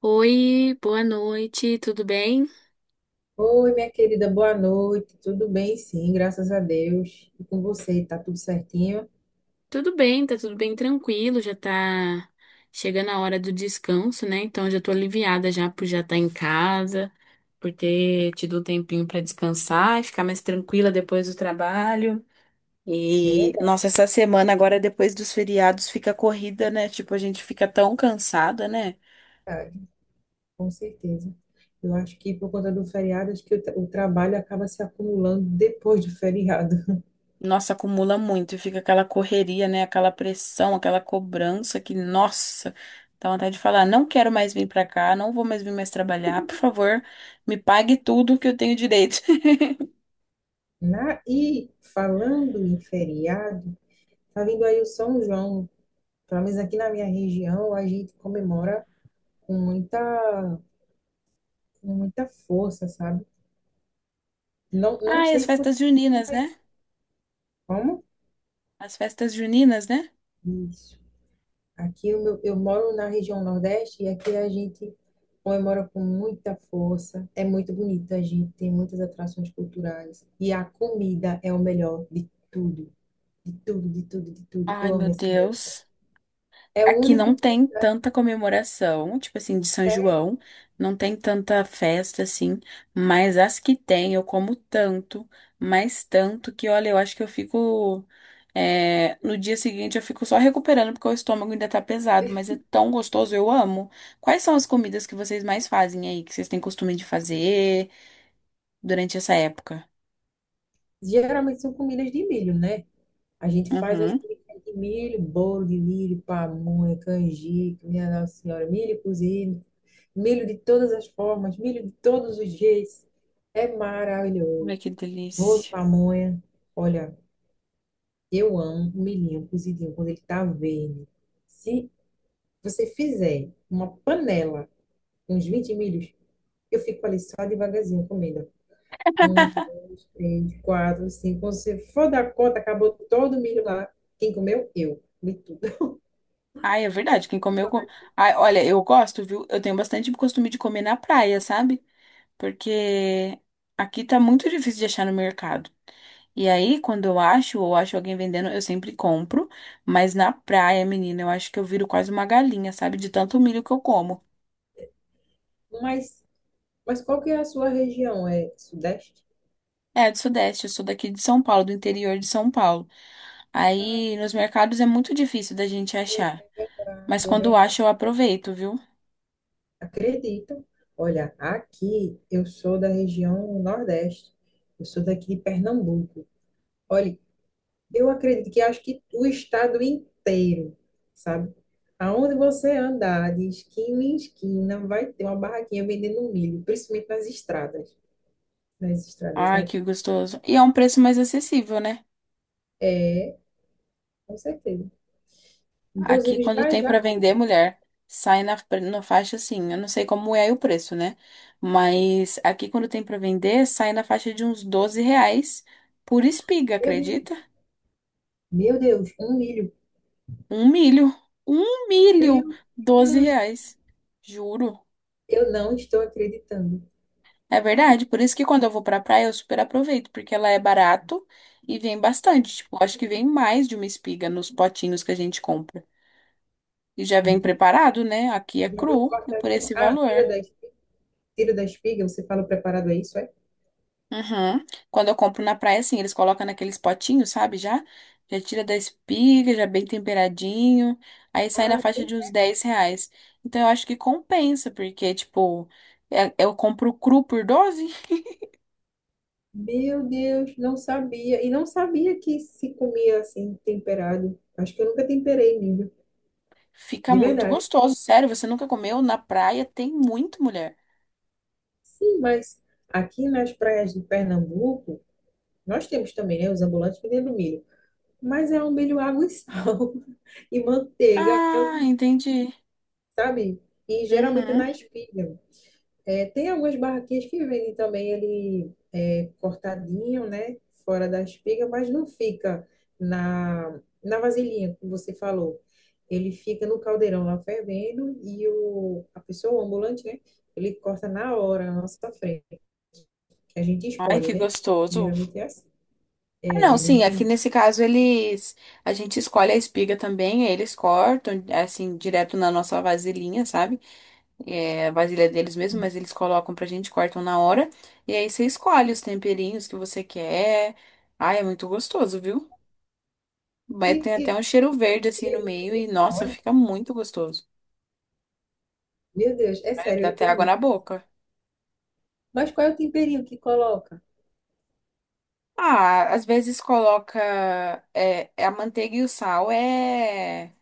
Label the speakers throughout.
Speaker 1: Oi, boa noite, tudo bem?
Speaker 2: Oi, minha querida, boa noite. Tudo bem? Sim, graças a Deus. E com você, tá tudo certinho?
Speaker 1: Tudo bem, tá tudo bem tranquilo, já tá chegando a hora do descanso, né? Então já tô aliviada já por já estar em casa, por ter tido um tempinho pra descansar e ficar mais tranquila depois do trabalho. E,
Speaker 2: É
Speaker 1: nossa, essa semana agora, depois dos feriados, fica corrida, né? Tipo, a gente fica tão cansada, né?
Speaker 2: verdade, com certeza. Eu acho que por conta do feriado, acho que o trabalho acaba se acumulando depois do feriado.
Speaker 1: Nossa, acumula muito e fica aquela correria, né? Aquela pressão, aquela cobrança que, nossa, dá vontade de falar, não quero mais vir pra cá, não vou mais vir mais trabalhar, por favor, me pague tudo que eu tenho direito.
Speaker 2: E falando em feriado, tá vindo aí o São João. Pelo menos aqui na minha região, a gente comemora com muita, com muita força, sabe? Não, não
Speaker 1: Ai, as
Speaker 2: sei se você
Speaker 1: festas juninas,
Speaker 2: tá aí.
Speaker 1: né?
Speaker 2: Como?
Speaker 1: As festas juninas, né?
Speaker 2: Isso. Aqui eu moro na região Nordeste e aqui a gente comemora com muita força. É muito bonito, a gente tem muitas atrações culturais. E a comida é o melhor de tudo, de tudo, de tudo, de tudo.
Speaker 1: Ai,
Speaker 2: Eu
Speaker 1: meu
Speaker 2: amo esse medo.
Speaker 1: Deus.
Speaker 2: É o
Speaker 1: Aqui
Speaker 2: único
Speaker 1: não
Speaker 2: que
Speaker 1: tem tanta comemoração, tipo assim, de São
Speaker 2: serve.
Speaker 1: João, não tem tanta festa assim, mas as que tem eu como tanto, mais tanto que olha, eu acho que eu fico. No dia seguinte eu fico só recuperando porque o estômago ainda tá pesado, mas é tão gostoso, eu amo. Quais são as comidas que vocês mais fazem aí, que vocês têm costume de fazer durante essa época?
Speaker 2: Geralmente são comidas de milho, né? A gente faz as
Speaker 1: Uhum.
Speaker 2: comidas de milho, bolo de milho, pamonha, canjica, minha Nossa Senhora, milho cozido, milho de todas as formas, milho de todos os jeitos. É maravilhoso.
Speaker 1: Ai, que
Speaker 2: Bolo de
Speaker 1: delícia.
Speaker 2: pamonha. Olha, eu amo o milhinho cozidinho quando ele tá verde. Se você fizer uma panela com uns 20 milhos, eu fico ali só devagarzinho comendo. Um, dois, três, quatro, cinco. Quando você for dar conta, acabou todo o milho lá. Quem comeu? Eu. Comi tudo.
Speaker 1: Ai, é verdade. Quem comeu. Com... Ai, olha, eu gosto, viu? Eu tenho bastante costume de comer na praia, sabe? Porque aqui tá muito difícil de achar no mercado. E aí, quando eu acho ou acho alguém vendendo, eu sempre compro. Mas na praia, menina, eu acho que eu viro quase uma galinha, sabe? De tanto milho que eu como.
Speaker 2: Mas, mas qual que é a sua região? É Sudeste?
Speaker 1: É, do Sudeste, eu sou daqui de São Paulo, do interior de São Paulo. Aí, nos mercados é muito difícil da gente achar.
Speaker 2: É
Speaker 1: Mas
Speaker 2: verdade, é
Speaker 1: quando
Speaker 2: verdade.
Speaker 1: acho, eu aproveito, viu?
Speaker 2: Acredito. Olha, aqui eu sou da região Nordeste. Eu sou daqui de Pernambuco. Olha, eu acredito que acho que o estado inteiro, sabe? Aonde você andar, de esquina em esquina, vai ter uma barraquinha vendendo milho, principalmente nas estradas
Speaker 1: Ai,
Speaker 2: daqui.
Speaker 1: que gostoso. E é um preço mais acessível, né?
Speaker 2: É, com certeza.
Speaker 1: Aqui,
Speaker 2: Inclusive,
Speaker 1: quando
Speaker 2: já,
Speaker 1: tem
Speaker 2: já
Speaker 1: pra vender,
Speaker 2: comprei.
Speaker 1: mulher, sai na faixa assim. Eu não sei como é aí o preço, né? Mas aqui, quando tem pra vender, sai na faixa de uns 12 reais por espiga,
Speaker 2: Meu
Speaker 1: acredita?
Speaker 2: Deus, meu Deus, um milho.
Speaker 1: Um milho. Um milho!
Speaker 2: Meu
Speaker 1: doze
Speaker 2: Deus,
Speaker 1: reais. Juro.
Speaker 2: eu não estou acreditando.
Speaker 1: É verdade. Por isso que quando eu vou pra praia, eu super aproveito, porque ela é barato e vem bastante. Tipo, eu acho que vem mais de uma espiga nos potinhos que a gente compra. E já vem
Speaker 2: Entende?
Speaker 1: preparado, né? Aqui é
Speaker 2: Já vem
Speaker 1: cru e por
Speaker 2: cortadinho.
Speaker 1: esse
Speaker 2: Ah,
Speaker 1: valor.
Speaker 2: tira da espiga, você fala o preparado, é isso? É?
Speaker 1: Uhum. Quando eu compro na praia, assim, eles colocam naqueles potinhos, sabe? Já tira da espiga, já bem temperadinho. Aí sai na
Speaker 2: Ah,
Speaker 1: faixa de uns 10 reais. Então eu acho que compensa, porque, tipo, eu compro cru por doze,
Speaker 2: meu Deus, não sabia. E não sabia que se comia assim, temperado. Acho que eu nunca temperei milho,
Speaker 1: fica
Speaker 2: de
Speaker 1: muito
Speaker 2: verdade.
Speaker 1: gostoso. Sério, você nunca comeu na praia? Tem muito, mulher.
Speaker 2: Sim, mas aqui nas praias de Pernambuco, nós temos também, né, os ambulantes vendendo milho. Mas é um milho água e sal e manteiga,
Speaker 1: Ah, entendi.
Speaker 2: sabe? E geralmente é
Speaker 1: Uhum.
Speaker 2: na espiga. É, tem algumas barraquinhas que vendem também ele é, cortadinho, né? Fora da espiga, mas não fica na, na vasilhinha, como você falou. Ele fica no caldeirão lá fervendo e o, a pessoa, o ambulante, né? Ele corta na hora, na nossa frente, que a gente
Speaker 1: Ai,
Speaker 2: escolhe,
Speaker 1: que
Speaker 2: né?
Speaker 1: gostoso.
Speaker 2: Geralmente é assim.
Speaker 1: Ah,
Speaker 2: É,
Speaker 1: não,
Speaker 2: ele é bem
Speaker 1: sim, aqui
Speaker 2: quente.
Speaker 1: nesse caso eles. A gente escolhe a espiga também, aí eles cortam, assim, direto na nossa vasilhinha, sabe? A vasilha deles mesmo, mas eles colocam pra gente, cortam na hora. E aí você escolhe os temperinhos que você quer. Ai, é muito gostoso, viu? Mas
Speaker 2: E,
Speaker 1: tem até
Speaker 2: e,
Speaker 1: um cheiro verde assim no
Speaker 2: e
Speaker 1: meio
Speaker 2: você
Speaker 1: e,
Speaker 2: que
Speaker 1: nossa,
Speaker 2: escolhe?
Speaker 1: fica muito gostoso.
Speaker 2: Meu Deus, é
Speaker 1: Ai,
Speaker 2: sério,
Speaker 1: dá
Speaker 2: eu
Speaker 1: até
Speaker 2: tô
Speaker 1: água
Speaker 2: muito.
Speaker 1: na
Speaker 2: Fácil.
Speaker 1: boca.
Speaker 2: Mas qual é o temperinho que coloca?
Speaker 1: Ah, às vezes coloca a manteiga e o sal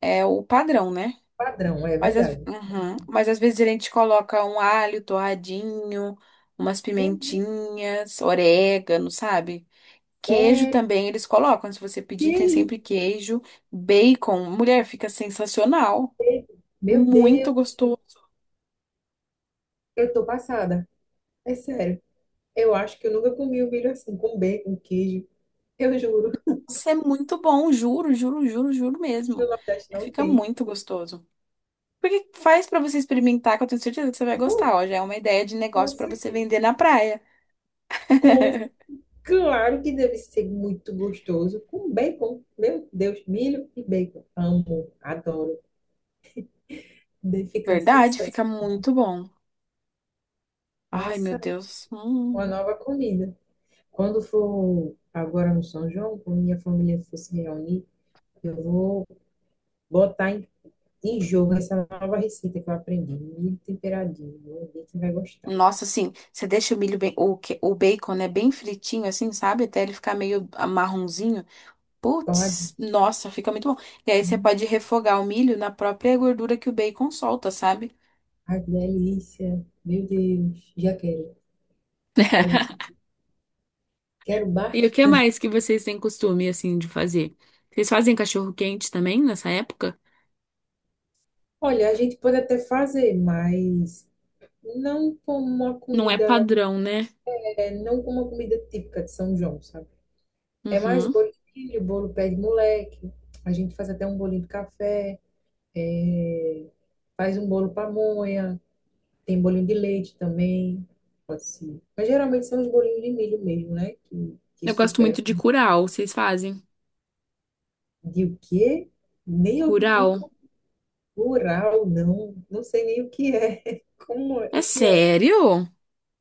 Speaker 1: é o padrão, né?
Speaker 2: Padrão, é
Speaker 1: Mas,
Speaker 2: verdade.
Speaker 1: uhum. Mas às vezes a gente coloca um alho torradinho, umas
Speaker 2: Meu Deus,
Speaker 1: pimentinhas, orégano, sabe? Queijo
Speaker 2: sério.
Speaker 1: também eles colocam. Se você pedir, tem
Speaker 2: Queijo.
Speaker 1: sempre queijo, bacon. Mulher, fica sensacional.
Speaker 2: Meu
Speaker 1: Muito
Speaker 2: Deus,
Speaker 1: gostoso.
Speaker 2: eu tô passada. É sério. Eu acho que eu nunca comi um milho assim, com bacon, queijo. Eu juro,
Speaker 1: Nossa, é muito bom, juro, juro, juro, juro
Speaker 2: aqui
Speaker 1: mesmo.
Speaker 2: no Nordeste
Speaker 1: É,
Speaker 2: não
Speaker 1: fica
Speaker 2: tem.
Speaker 1: muito gostoso. Porque faz pra você experimentar, que eu tenho certeza que você vai
Speaker 2: Bom,
Speaker 1: gostar. Ó, já é uma ideia de
Speaker 2: com
Speaker 1: negócio pra você
Speaker 2: certeza.
Speaker 1: vender na praia.
Speaker 2: Com- Claro que deve ser muito gostoso. Com bacon. Meu Deus, milho e bacon. Amo, adoro. Deve ficar
Speaker 1: Verdade, fica
Speaker 2: sensacional.
Speaker 1: muito bom. Ai, meu
Speaker 2: Passa
Speaker 1: Deus.
Speaker 2: uma
Speaker 1: Hum.
Speaker 2: nova comida. Quando for agora no São João, quando minha família for se reunir, eu vou botar em de jogo essa nova receita que eu aprendi. Milho temperadinho. Vou ver quem vai gostar.
Speaker 1: Nossa, assim, você deixa o milho bem, o bacon, né, bem fritinho, assim, sabe? Até ele ficar meio marronzinho.
Speaker 2: Torradinho.
Speaker 1: Putz, nossa, fica muito bom. E aí você pode refogar o milho na própria gordura que o bacon solta, sabe?
Speaker 2: Ai, que delícia. Meu Deus. Já quero. Quero, quero
Speaker 1: E o que
Speaker 2: bastante.
Speaker 1: mais que vocês têm costume, assim, de fazer? Vocês fazem cachorro-quente também nessa época?
Speaker 2: Olha, a gente pode até fazer, mas não como uma
Speaker 1: Não é
Speaker 2: comida,
Speaker 1: padrão, né?
Speaker 2: é, não como uma comida típica de São João, sabe? É mais
Speaker 1: Uhum.
Speaker 2: bolo de milho, bolo pé de moleque. A gente faz até um bolinho de café. É, faz um bolo pamonha. Tem bolinho de leite também, pode ser. Mas geralmente são os bolinhos de milho mesmo, né? Que
Speaker 1: Eu gosto muito
Speaker 2: superam.
Speaker 1: de curau. Vocês fazem?
Speaker 2: De o quê? Nem eu, nunca
Speaker 1: Curau?
Speaker 2: rural, não. Não sei nem o que é. Como é?
Speaker 1: É
Speaker 2: O que é?
Speaker 1: sério?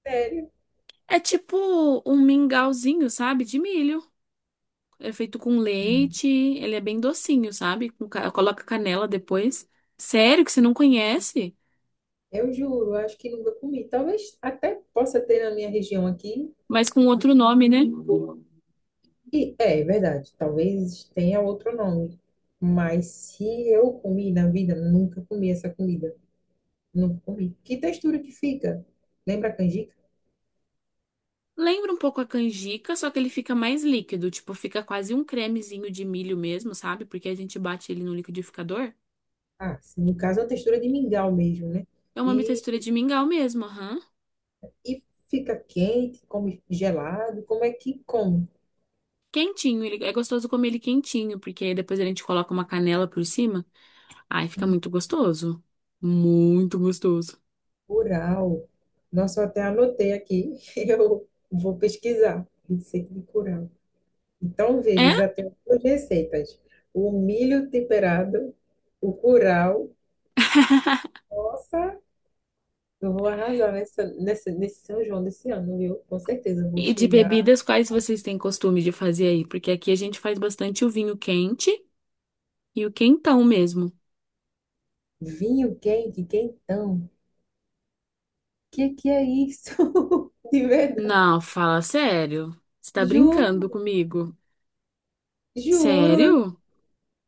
Speaker 2: Sério.
Speaker 1: É tipo um mingauzinho, sabe? De milho. É feito com leite. Ele é bem docinho, sabe? Coloca canela depois. Sério que você não conhece?
Speaker 2: Eu juro, acho que nunca comi. Talvez até possa ter na minha região aqui.
Speaker 1: Mas com outro nome, né?
Speaker 2: E é verdade, talvez tenha outro nome. Mas se eu comi na vida, nunca comi essa comida. Nunca comi. Que textura que fica? Lembra a canjica?
Speaker 1: Lembra um pouco a canjica, só que ele fica mais líquido, tipo, fica quase um cremezinho de milho mesmo, sabe? Porque a gente bate ele no liquidificador.
Speaker 2: Ah, sim, no caso é uma textura de mingau mesmo, né?
Speaker 1: É uma
Speaker 2: E,
Speaker 1: textura de mingau mesmo, aham.
Speaker 2: e fica quente, come gelado, como é que come?
Speaker 1: Quentinho, ele, é gostoso comer ele quentinho, porque aí depois a gente coloca uma canela por cima. Ai, fica
Speaker 2: Hum.
Speaker 1: muito gostoso. Muito gostoso.
Speaker 2: Curau. Nossa, eu até anotei aqui, eu vou pesquisar, receita de curau. Então, veja,
Speaker 1: É?
Speaker 2: já tenho duas receitas. O milho temperado, o curau. Nossa, eu vou arrasar nessa, nessa, nesse São João desse ano, viu? Com certeza eu vou
Speaker 1: E de
Speaker 2: chegar.
Speaker 1: bebidas, quais vocês têm costume de fazer aí? Porque aqui a gente faz bastante o vinho quente e o quentão mesmo.
Speaker 2: Vinho quente, quentão. Que é isso? De verdade.
Speaker 1: Não, fala sério. Você tá
Speaker 2: Juro,
Speaker 1: brincando comigo?
Speaker 2: juro,
Speaker 1: Sério?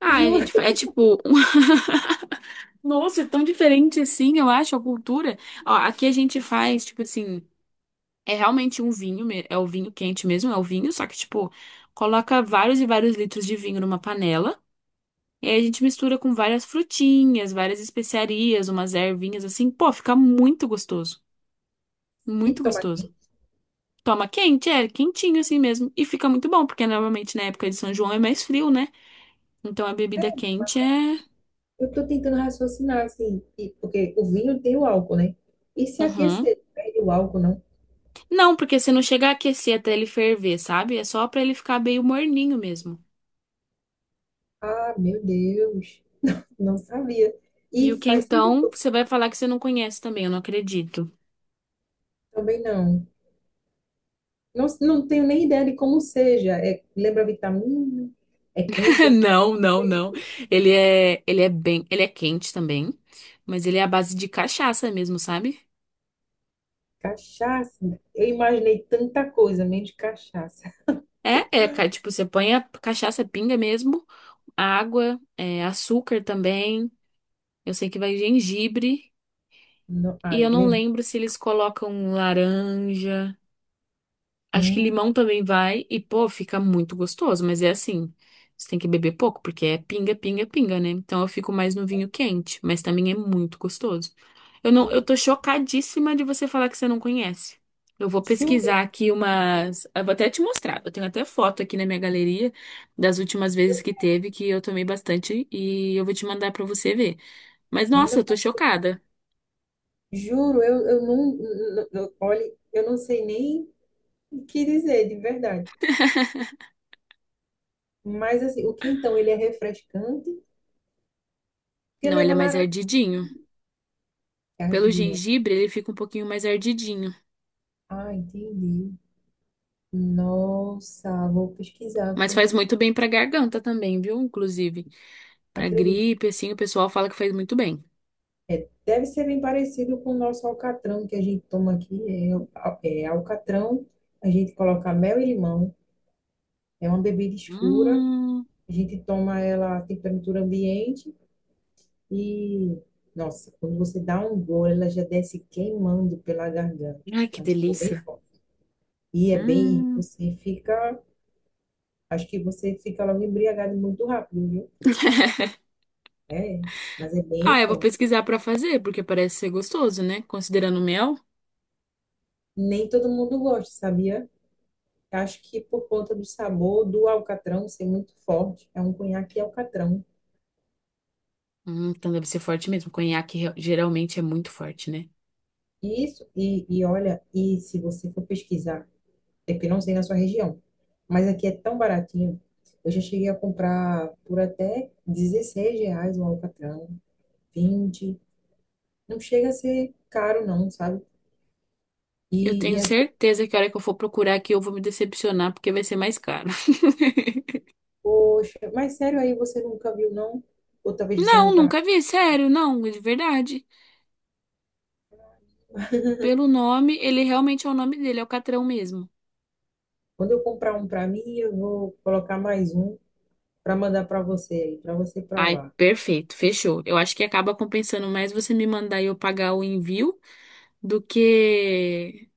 Speaker 1: Ah, a
Speaker 2: juro.
Speaker 1: gente, é tipo. Nossa, é tão diferente assim, eu acho, a cultura. Ó, aqui a gente faz, tipo assim, é realmente um vinho, é o vinho quente mesmo, é o vinho, só que, tipo, coloca vários e vários litros de vinho numa panela. E aí a gente mistura com várias frutinhas, várias especiarias, umas ervinhas assim. Pô, fica muito gostoso.
Speaker 2: E
Speaker 1: Muito
Speaker 2: toma
Speaker 1: gostoso.
Speaker 2: aqui.
Speaker 1: Toma quente, é, quentinho assim mesmo. E fica muito bom, porque normalmente na época de São João é mais frio, né? Então a bebida quente é.
Speaker 2: Eu tô tentando raciocinar, assim, e- porque o vinho tem o álcool, né? E se
Speaker 1: Uhum.
Speaker 2: aquecer, perde o álcool, não?
Speaker 1: Não, porque você não chega a aquecer até ele ferver, sabe? É só pra ele ficar meio morninho mesmo.
Speaker 2: Ah, meu Deus, não sabia.
Speaker 1: E o
Speaker 2: E faz
Speaker 1: quentão,
Speaker 2: sentido.
Speaker 1: você vai falar que você não conhece também, eu não acredito.
Speaker 2: Também não. Não, não tenho nem ideia de como seja. É, lembra vitamina? É quente? É frio?
Speaker 1: Não,
Speaker 2: Não
Speaker 1: não,
Speaker 2: sei.
Speaker 1: não. Ele é bem, ele é quente também, mas ele é à base de cachaça mesmo, sabe?
Speaker 2: Cachaça. Eu imaginei tanta coisa, menos cachaça.
Speaker 1: Tipo, você põe a cachaça pinga mesmo, água, açúcar também. Eu sei que vai gengibre
Speaker 2: Não, ah,
Speaker 1: e eu não
Speaker 2: lembra?
Speaker 1: lembro se eles colocam laranja. Acho que
Speaker 2: Hum,
Speaker 1: limão também vai e, pô, fica muito gostoso, mas é assim, você tem que beber pouco porque é pinga, né? Então eu fico mais no vinho quente, mas também é muito gostoso. Eu não,
Speaker 2: tem
Speaker 1: Eu tô chocadíssima de você falar que você não conhece. Eu vou
Speaker 2: churro.
Speaker 1: pesquisar aqui umas, eu vou até te mostrar. Eu tenho até foto aqui na minha galeria das últimas vezes que teve que eu tomei bastante e eu vou te mandar pra você ver. Mas nossa, eu tô chocada.
Speaker 2: Juro, eu, eu olhe, eu não sei nem o que dizer, de verdade. Mas assim, o quentão, ele é refrescante, porque
Speaker 1: Não, ele é
Speaker 2: leva
Speaker 1: mais
Speaker 2: laranja,
Speaker 1: ardidinho. Pelo
Speaker 2: cardidinho.
Speaker 1: gengibre, ele fica um pouquinho mais ardidinho.
Speaker 2: Ah, entendi. Nossa, vou pesquisar,
Speaker 1: Mas
Speaker 2: como,
Speaker 1: faz muito bem pra garganta também, viu? Inclusive, pra
Speaker 2: acredito.
Speaker 1: gripe, assim, o pessoal fala que faz muito bem.
Speaker 2: Deve ser bem parecido com o nosso alcatrão que a gente toma aqui. É, é alcatrão, a gente coloca mel e limão. É uma bebida escura,
Speaker 1: Hum.
Speaker 2: a gente toma ela a temperatura ambiente. E, nossa, quando você dá um gole, ela já desce queimando pela garganta.
Speaker 1: Ai, que
Speaker 2: É um sabor bem
Speaker 1: delícia.
Speaker 2: forte. E é bem,
Speaker 1: Hum.
Speaker 2: você fica, acho que você fica logo embriagado muito rápido, viu? É, mas é bem
Speaker 1: Ah, eu vou
Speaker 2: forte.
Speaker 1: pesquisar pra fazer, porque parece ser gostoso, né? Considerando o mel.
Speaker 2: Nem todo mundo gosta, sabia? Acho que por conta do sabor do alcatrão ser muito forte, é um conhaque alcatrão.
Speaker 1: Então deve ser forte mesmo. Geralmente é muito forte, né?
Speaker 2: Isso, e olha, e se você for pesquisar. É porque não sei na sua região. Mas aqui é tão baratinho. Eu já cheguei a comprar por até R$ 16 o alcatrão, 20. Não chega a ser caro, não, sabe?
Speaker 1: Eu
Speaker 2: E,
Speaker 1: tenho
Speaker 2: e acho,
Speaker 1: certeza que a hora que eu for procurar aqui, eu vou me decepcionar, porque vai ser mais caro.
Speaker 2: poxa, mas sério aí, você nunca viu, não? Ou talvez você
Speaker 1: Não,
Speaker 2: nunca.
Speaker 1: nunca vi, sério, não, de verdade. Pelo nome, ele realmente é o nome dele, é o Catrão mesmo.
Speaker 2: Quando eu comprar um para mim, eu vou colocar mais um para mandar para você aí, para você
Speaker 1: Ai,
Speaker 2: provar.
Speaker 1: perfeito, fechou. Eu acho que acaba compensando mais você me mandar e eu pagar o envio do que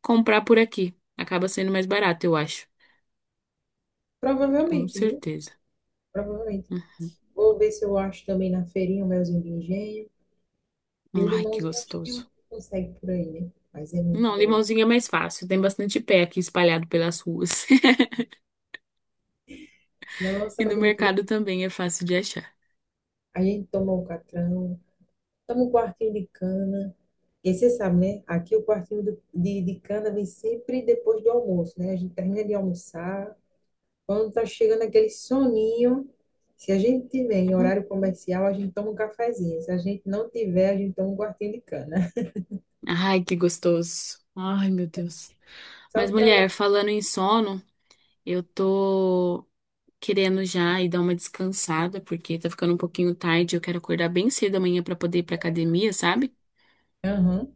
Speaker 1: comprar por aqui. Acaba sendo mais barato, eu acho. Com
Speaker 2: Provavelmente, viu?
Speaker 1: certeza.
Speaker 2: Provavelmente. Vou ver se eu acho também na feirinha o melzinho de engenho. E o
Speaker 1: Ai, que
Speaker 2: limãozinho, acho que eu
Speaker 1: gostoso.
Speaker 2: consegue por aí, né? Mas é muito
Speaker 1: Não,
Speaker 2: bom.
Speaker 1: limãozinho é mais fácil. Tem bastante pé aqui espalhado pelas ruas.
Speaker 2: Nossa,
Speaker 1: E no
Speaker 2: mas é muito bom.
Speaker 1: mercado também é fácil de achar.
Speaker 2: A gente toma um catrão, toma um quartinho de cana. E você sabe, né? Aqui o quartinho de cana vem sempre depois do almoço, né? A gente termina de almoçar. Quando tá chegando aquele soninho, se a gente tiver em
Speaker 1: Uhum.
Speaker 2: horário comercial, a gente toma um cafezinho. Se a gente não tiver, a gente toma um quartinho de cana.
Speaker 1: Ai, que gostoso. Ai, meu Deus.
Speaker 2: Só
Speaker 1: Mas,
Speaker 2: para ler.
Speaker 1: mulher, falando em sono, eu tô querendo já e dar uma descansada, porque tá ficando um pouquinho tarde, eu quero acordar bem cedo amanhã pra poder ir pra academia, sabe?
Speaker 2: Aham,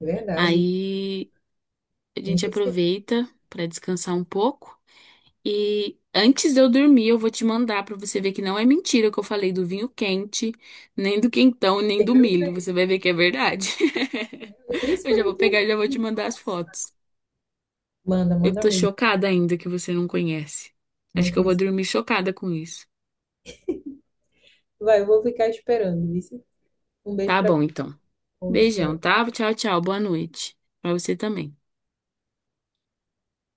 Speaker 2: é verdade.
Speaker 1: Aí a
Speaker 2: Nem
Speaker 1: gente
Speaker 2: percebi.
Speaker 1: aproveita pra descansar um pouco e antes de eu dormir, eu vou te mandar pra você ver que não é mentira que eu falei do vinho quente, nem do quentão, nem do
Speaker 2: Quero
Speaker 1: milho.
Speaker 2: ver.
Speaker 1: Você vai ver que é verdade. Eu já vou
Speaker 2: Principalmente
Speaker 1: pegar
Speaker 2: o
Speaker 1: e já vou te
Speaker 2: vinho.
Speaker 1: mandar as
Speaker 2: Nossa.
Speaker 1: fotos.
Speaker 2: Manda,
Speaker 1: Eu
Speaker 2: manda
Speaker 1: tô
Speaker 2: mesmo.
Speaker 1: chocada ainda que você não conhece. Acho
Speaker 2: Não
Speaker 1: que eu vou
Speaker 2: conheço.
Speaker 1: dormir chocada com isso.
Speaker 2: Vai, eu vou ficar esperando, viu? Um beijo
Speaker 1: Tá
Speaker 2: pra
Speaker 1: bom,
Speaker 2: tu.
Speaker 1: então.
Speaker 2: Bom
Speaker 1: Beijão,
Speaker 2: descanso.
Speaker 1: tá? Tchau, tchau. Boa noite. Pra você também.